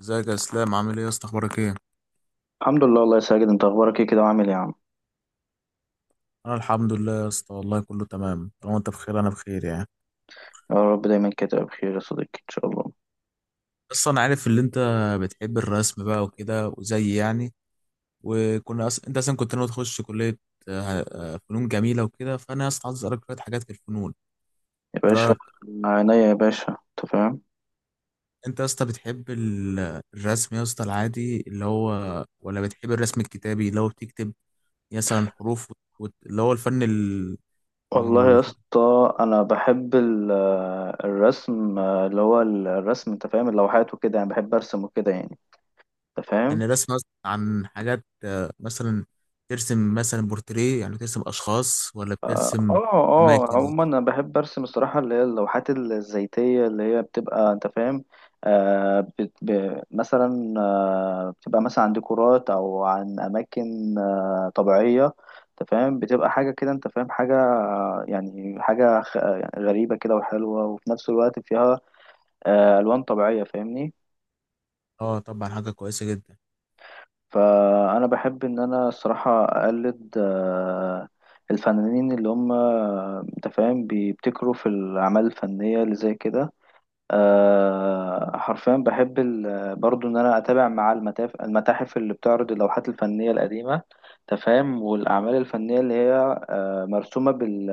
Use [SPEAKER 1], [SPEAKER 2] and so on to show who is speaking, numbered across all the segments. [SPEAKER 1] ازيك يا اسلام، عامل ايه يا اسطى؟ اخبارك ايه؟
[SPEAKER 2] الحمد لله، والله يا ساجد. انت اخبارك ايه كده، وعامل ايه يا عم؟
[SPEAKER 1] انا الحمد لله يا اسطى والله كله تمام. طالما انت بخير انا بخير يعني.
[SPEAKER 2] يا رب دايما كده تبقى بخير يا صديقي ان شاء الله.
[SPEAKER 1] بس انا عارف ان انت بتحب الرسم بقى وكده وزي يعني. انت اصلا كنت ناوي تخش كليه آه، فنون جميله وكده. فانا يا اسطى عايز اسالك شويه حاجات في الفنون.
[SPEAKER 2] يا
[SPEAKER 1] ايه
[SPEAKER 2] باشا.
[SPEAKER 1] رايك؟
[SPEAKER 2] عينيا يا باشا، انت فاهم.
[SPEAKER 1] انت يا اسطى بتحب الرسم يا اسطى العادي اللي هو، ولا بتحب الرسم الكتابي اللي هو بتكتب مثلا حروف اللي هو الفن؟
[SPEAKER 2] والله
[SPEAKER 1] ال...
[SPEAKER 2] يا اسطى، انا بحب الرسم اللي هو الرسم، انت فاهم، اللوحات وكده يعني، بحب ارسم وكده يعني، انت فاهم.
[SPEAKER 1] يعني الرسم مثلا عن حاجات مثلا ترسم مثلا بورتريه، يعني ترسم اشخاص ولا بترسم اماكن؟
[SPEAKER 2] عموما انا بحب ارسم الصراحه اللي هي اللوحات الزيتيه اللي هي بتبقى، انت فاهم، آه بت ب مثلا بتبقى مثلا عن ديكورات او عن اماكن طبيعيه، انت فاهم، بتبقى حاجه كده، انت فاهم، حاجه يعني حاجه يعني غريبه كده وحلوه، وفي نفس الوقت فيها الوان طبيعيه، فاهمني.
[SPEAKER 1] اه طبعا حاجه كويسه جدا.
[SPEAKER 2] فأنا بحب إن أنا الصراحة أقلد الفنانين اللي هم، أنت فاهم، بيبتكروا في الأعمال الفنية اللي زي كده. حرفيا بحب برضو إن أنا أتابع مع المتاحف، اللي بتعرض اللوحات الفنية القديمة، أنت فاهم، والأعمال الفنية اللي هي مرسومة بال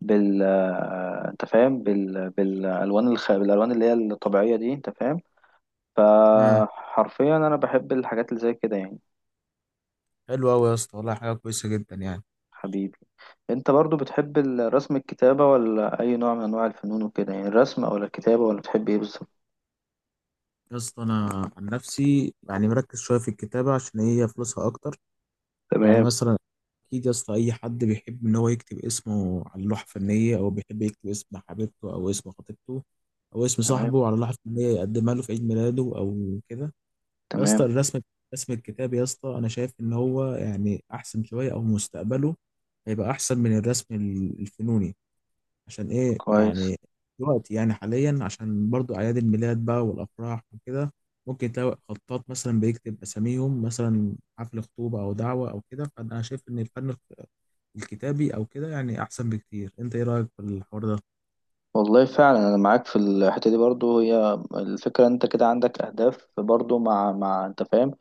[SPEAKER 2] بال آه، أنت فاهم بالألوان بالألوان اللي هي الطبيعية دي، أنت فاهم.
[SPEAKER 1] امم
[SPEAKER 2] فحرفيا أنا بحب الحاجات اللي زي كده يعني.
[SPEAKER 1] حلو قوي يا اسطى والله، حاجه كويسه جدا يعني.
[SPEAKER 2] حبيبي. انت برضو بتحب الرسم، الكتابة، ولا اي نوع من انواع الفنون وكده يعني، الرسم ولا الكتابة، ولا بتحب ايه بالظبط؟
[SPEAKER 1] يا اسطى انا عن نفسي يعني مركز شويه في الكتابه عشان هي فلوسها اكتر. يعني
[SPEAKER 2] تمام،
[SPEAKER 1] مثلا اكيد يا اسطى اي حد بيحب ان هو يكتب اسمه على لوحه فنيه، او بيحب يكتب اسم حبيبته او اسم خطيبته او اسم
[SPEAKER 2] تمام،
[SPEAKER 1] صاحبه على لوحه فنيه يقدمها له في عيد ميلاده او كده. يا اسطى
[SPEAKER 2] تمام.
[SPEAKER 1] الرسم، رسم الكتاب يا اسطى انا شايف ان هو يعني احسن شويه، او مستقبله هيبقى احسن من الرسم الفنوني. عشان ايه
[SPEAKER 2] كويس.
[SPEAKER 1] يعني؟ دلوقتي يعني حاليا عشان برضو اعياد الميلاد بقى والافراح وكده ممكن تلاقي خطاط مثلا بيكتب اساميهم، مثلا حفل خطوبه او دعوه او كده. فانا شايف ان الفن الكتابي او كده يعني احسن بكتير. انت ايه رايك في الحوار ده؟
[SPEAKER 2] والله فعلا انا معاك في الحته دي، برضو هي الفكره، انت كده عندك اهداف برضو، مع انت فاهم،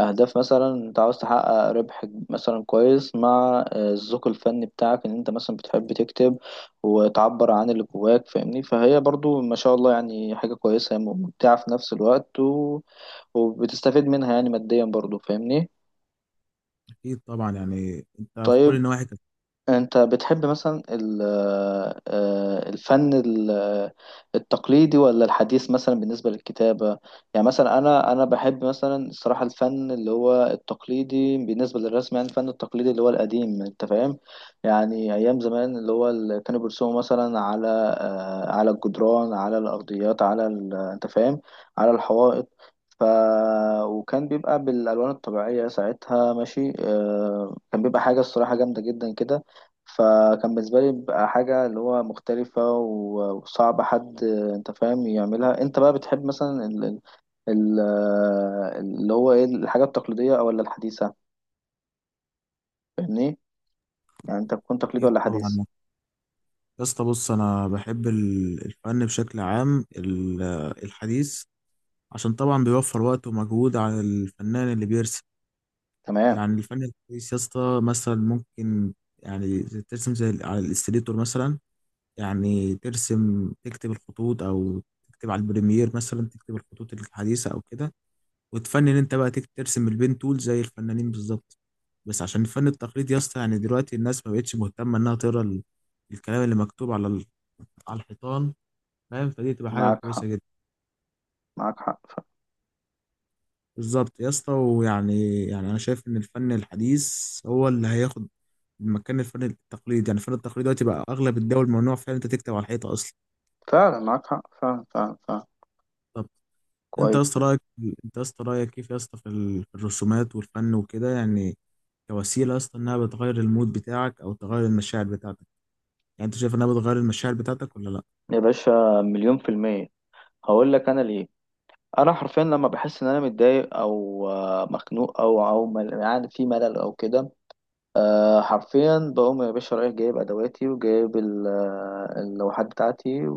[SPEAKER 2] اهداف مثلا انت عاوز تحقق ربح مثلا، كويس، مع الذوق الفني بتاعك، ان انت مثلا بتحب تكتب وتعبر عن اللي جواك، فاهمني، فهي برضو ما شاء الله يعني حاجه كويسه ممتعه في نفس الوقت، وبتستفيد منها يعني ماديا برضو، فاهمني.
[SPEAKER 1] اكيد طبعا يعني انت في كل
[SPEAKER 2] طيب.
[SPEAKER 1] النواحي كانت.
[SPEAKER 2] انت بتحب مثلا الفن التقليدي ولا الحديث مثلا بالنسبة للكتابة؟ يعني مثلا انا بحب مثلا الصراحة الفن اللي هو التقليدي بالنسبة للرسم، يعني الفن التقليدي اللي هو القديم، انت فاهم، يعني ايام زمان اللي هو اللي كانوا بيرسموا مثلا على على الجدران، على الارضيات، انت فاهم، على الحوائط، ف... وكان بيبقى بالألوان الطبيعية ساعتها، ماشي، كان بيبقى حاجة الصراحة جامدة جدا كده، فكان بالنسبة لي بقى حاجة اللي هو مختلفة وصعب حد، انت فاهم، يعملها. انت بقى بتحب مثلا ال- اللي هو ايه، الحاجة التقليدية، او ولا الحديثة، فاهمني، يعني انت تكون تقليدي
[SPEAKER 1] اكيد
[SPEAKER 2] ولا حديث؟
[SPEAKER 1] طبعا يا اسطى، بص انا بحب الفن بشكل عام الحديث عشان طبعا بيوفر وقت ومجهود على الفنان اللي بيرسم.
[SPEAKER 2] تمام.
[SPEAKER 1] يعني الفن الحديث يا اسطى مثلا ممكن، يعني ترسم زي على الاستريتور مثلا، يعني ترسم تكتب الخطوط، او تكتب على البريمير مثلا تكتب الخطوط الحديثة او كده، وتفنن انت بقى تكتب ترسم البين تول زي الفنانين بالظبط. بس عشان الفن التقليدي يا اسطى يعني دلوقتي الناس ما بقتش مهتمة انها تقرا الكلام اللي مكتوب على على الحيطان، فاهم؟ فدي تبقى حاجة
[SPEAKER 2] معاك حق.
[SPEAKER 1] كويسة جدا.
[SPEAKER 2] معاك حق،
[SPEAKER 1] بالظبط يا اسطى، ويعني يعني أنا شايف إن الفن الحديث هو اللي هياخد مكان الفن التقليدي. يعني الفن التقليدي دلوقتي بقى أغلب الدول ممنوع فعلا أنت تكتب على الحيطة أصلا.
[SPEAKER 2] فعلا معاك حق، فعلا، فعلا، فعلا.
[SPEAKER 1] طب أنت يا
[SPEAKER 2] كويس
[SPEAKER 1] اسطى
[SPEAKER 2] كده.
[SPEAKER 1] رأيك، أنت يا اسطى رأيك كيف يا اسطى في في الرسومات والفن وكده، يعني كوسيلة يا اسطى إنها بتغير المود بتاعك أو تغير المشاعر بتاعتك. يعني أنت شايف إنها بتغير المشاعر بتاعتك ولا لأ؟
[SPEAKER 2] يا باشا، مليون في المية، هقول لك انا ليه. انا حرفيا لما بحس ان انا متضايق، او مخنوق، او يعني في ملل او كده، حرفيا بقوم يا باشا رايح جايب ادواتي، وجايب اللوحات بتاعتي،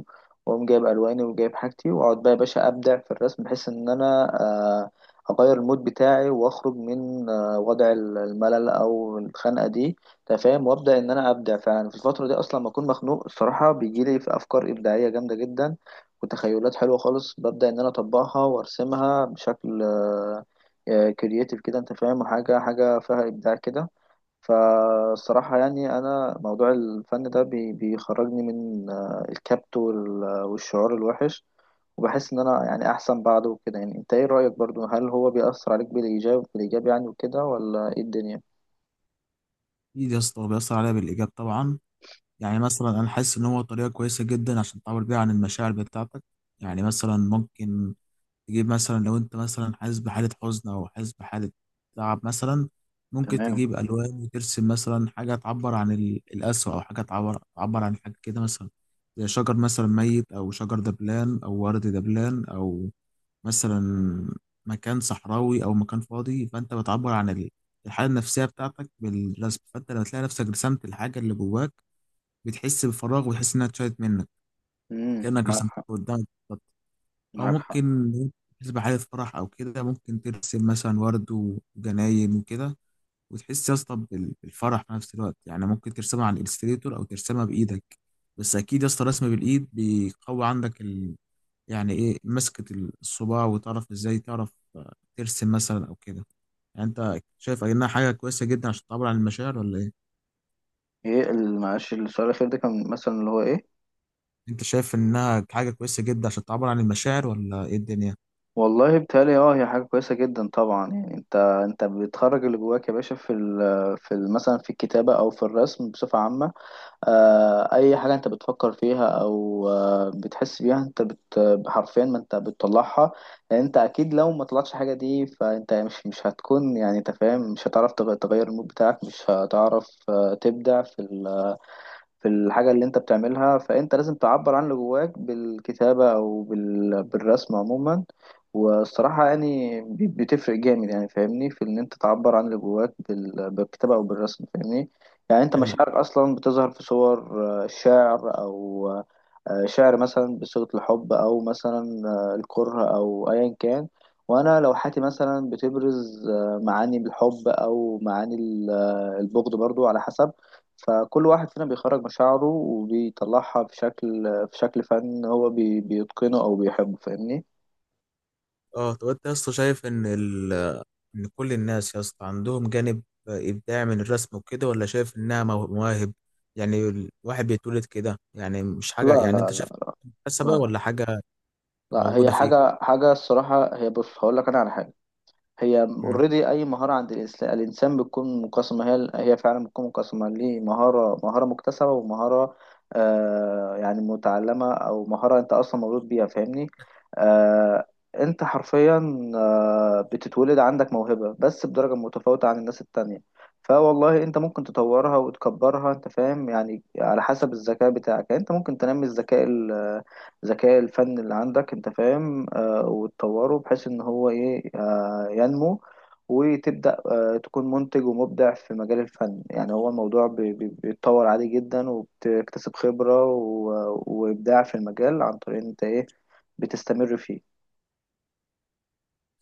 [SPEAKER 2] واقوم جايب الواني وجايب حاجتي، واقعد بقى يا باشا ابدع في الرسم، بحيث ان انا اغير المود بتاعي، واخرج من وضع الملل او الخنقه دي، أنت فاهم، وابدا ان انا ابدع فعلا في الفتره دي. اصلا لما اكون مخنوق الصراحه بيجي لي في افكار ابداعيه جامده جدا، وتخيلات حلوه خالص، ببدا ان انا اطبقها وارسمها بشكل كرياتيف كده، انت فاهم، حاجه حاجه فيها ابداع كده. فالصراحة يعني أنا موضوع الفن ده بيخرجني من الكبت والشعور الوحش، وبحس إن أنا يعني أحسن بعده وكده، يعني أنت إيه رأيك برضو، هل هو بيأثر عليك بالإيجاب، بالإيجاب يعني وكده، ولا إيه الدنيا؟
[SPEAKER 1] أكيد يا اسطى هو بيأثر عليها بالإيجاب طبعا. يعني مثلا أنا حاسس إن هو طريقة كويسة جدا عشان تعبر بيها عن المشاعر بتاعتك. يعني مثلا ممكن تجيب مثلا، لو انت مثلا حاسس بحالة حزن او حاسس بحالة تعب مثلا، ممكن
[SPEAKER 2] تمام.
[SPEAKER 1] تجيب الوان وترسم مثلا حاجة تعبر عن القسوة، او حاجة تعبر عن حاجة كده مثلا. زي شجر مثلا ميت، او شجر دبلان او ورد دبلان، او مثلا مكان صحراوي او مكان فاضي، فانت بتعبر عن الحالة النفسية بتاعتك بالرسم. فانت لما تلاقي نفسك رسمت الحاجة اللي جواك بتحس بفراغ وتحس انها اتشالت منك كأنك
[SPEAKER 2] معاك
[SPEAKER 1] رسمتها
[SPEAKER 2] حق.
[SPEAKER 1] قدامك. او
[SPEAKER 2] معاك حق.
[SPEAKER 1] ممكن بالنسبه لحدث فرح او كده ممكن ترسم مثلا ورد وجناين وكده، وتحس يا اسطى بالفرح في نفس الوقت. يعني ممكن ترسمها على الالستريتور او ترسمها بايدك. بس اكيد يا اسطى رسم بالايد بيقوي عندك يعني ايه، مسكة الصباع، وتعرف ازاي تعرف ترسم مثلا او كده. يعني انت شايف انها حاجه كويسه جدا عشان تعبر عن المشاعر ولا ايه؟
[SPEAKER 2] ايه معلش، السؤال الاخير ده كان مثلا اللي هو ايه؟
[SPEAKER 1] انت شايف انها حاجه كويسه جدا عشان تعبر عن المشاعر ولا ايه الدنيا؟
[SPEAKER 2] والله بتهيألي هي حاجه كويسه جدا طبعا، يعني انت بتخرج اللي جواك يا باشا في مثلا في الكتابه او في الرسم بصفه عامه. اي حاجه انت بتفكر فيها او بتحس بيها، انت حرفيا ما انت بتطلعها. لان انت اكيد لو ما طلعتش حاجه دي، فانت مش هتكون، يعني انت فاهم، مش هتعرف تغير المود بتاعك، مش هتعرف تبدع في الحاجة اللي انت بتعملها. فانت لازم تعبر عن اللي جواك بالكتابة، او بالرسم عموما. والصراحة يعني بتفرق جامد يعني، فاهمني، في ان انت تعبر عن اللي جواك بالكتابة او بالرسم، فاهمني. يعني انت
[SPEAKER 1] حلو.
[SPEAKER 2] مشاعرك اصلا بتظهر في صور شعر، او شعر مثلا بصيغة الحب، او مثلا الكره، او ايا كان. وانا لوحاتي مثلا بتبرز معاني الحب، او معاني البغض، برضو على حسب. فكل واحد فينا بيخرج مشاعره وبيطلعها في شكل، في شكل فن هو بيتقنه أو بيحبه، فاهمني.
[SPEAKER 1] اه طب انت يا اسطى شايف ان ان كل الناس يا اسطى عندهم جانب ابداع من الرسم وكده، ولا شايف انها مواهب يعني الواحد بيتولد كده؟ يعني مش حاجه،
[SPEAKER 2] لا،
[SPEAKER 1] يعني
[SPEAKER 2] لا،
[SPEAKER 1] انت شايف
[SPEAKER 2] لا.
[SPEAKER 1] مكتسبه
[SPEAKER 2] لا،
[SPEAKER 1] ولا حاجه
[SPEAKER 2] لا. هي
[SPEAKER 1] موجوده فيك؟
[SPEAKER 2] حاجة، حاجة الصراحة، هي بص هقول لك أنا على حاجة. هي
[SPEAKER 1] مم.
[SPEAKER 2] اوريدي اي مهاره عند الانسان بتكون مقسمه، هي هي فعلا بتكون مقسمه ليه، مهاره مهاره مكتسبه، ومهاره يعني متعلمه، او مهاره انت اصلا مولود بيها، فاهمني. آه انت حرفيا بتتولد عندك موهبه، بس بدرجه متفاوته عن الناس التانية. فوالله انت ممكن تطورها وتكبرها، انت فاهم، يعني على حسب الذكاء بتاعك، يعني انت ممكن تنمي الذكاء الفني اللي عندك، انت فاهم، وتطوره بحيث ان هو ايه، ينمو، وتبدأ تكون منتج ومبدع في مجال الفن، يعني هو الموضوع بيتطور عادي جدا، وبتكتسب خبرة وإبداع في المجال، عن طريق إن أنت إيه بتستمر فيه.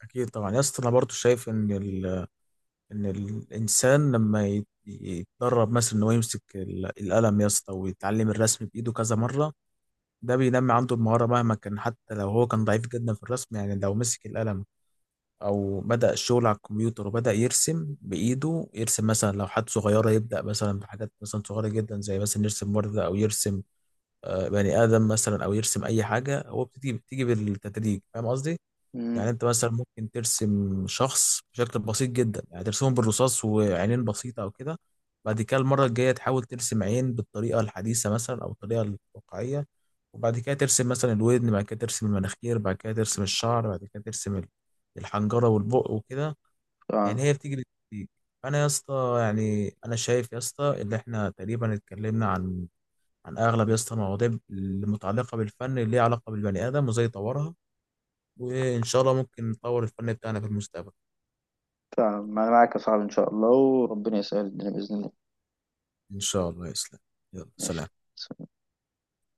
[SPEAKER 1] اكيد طبعا يا اسطى انا برضو شايف ان ان الانسان لما يتدرب مثلا ان هو يمسك القلم يا اسطى ويتعلم الرسم بايده كذا مره، ده بينمي عنده المهاره مهما كان. حتى لو هو كان ضعيف جدا في الرسم، يعني لو مسك القلم او بدأ الشغل على الكمبيوتر وبدأ يرسم بإيده، يرسم مثلا لو حد صغيرة يبدأ مثلا بحاجات مثلا صغيرة جدا، زي مثلا يرسم وردة او يرسم بني آدم مثلا او يرسم اي حاجة. هو بتيجي بتيجي بالتدريج، فاهم قصدي؟ يعني
[SPEAKER 2] مم.
[SPEAKER 1] انت مثلا ممكن ترسم شخص بشكل بسيط جدا، يعني ترسمه بالرصاص وعينين بسيطة او كده. بعد كده المرة الجاية تحاول ترسم عين بالطريقة الحديثة مثلا او الطريقة الواقعية، وبعد كده ترسم مثلا الودن، بعد كده ترسم المناخير، بعد كده ترسم الشعر، بعد كده ترسم الحنجرة والبق وكده.
[SPEAKER 2] فعلا،
[SPEAKER 1] يعني هي بتيجي بالتدريج. انا يا اسطى يعني انا شايف يا اسطى ان احنا تقريبا اتكلمنا عن اغلب يا اسطى المواضيع المتعلقة بالفن اللي ليها علاقة بالبني ادم وازاي يطورها، وإن شاء الله ممكن نطور الفن بتاعنا في المستقبل.
[SPEAKER 2] فعلا أنا معاك يا صاحبي إن شاء الله، وربنا يسهل الدنيا بإذن الله.
[SPEAKER 1] إن شاء الله يسلم. يلا
[SPEAKER 2] ماشي.
[SPEAKER 1] سلام.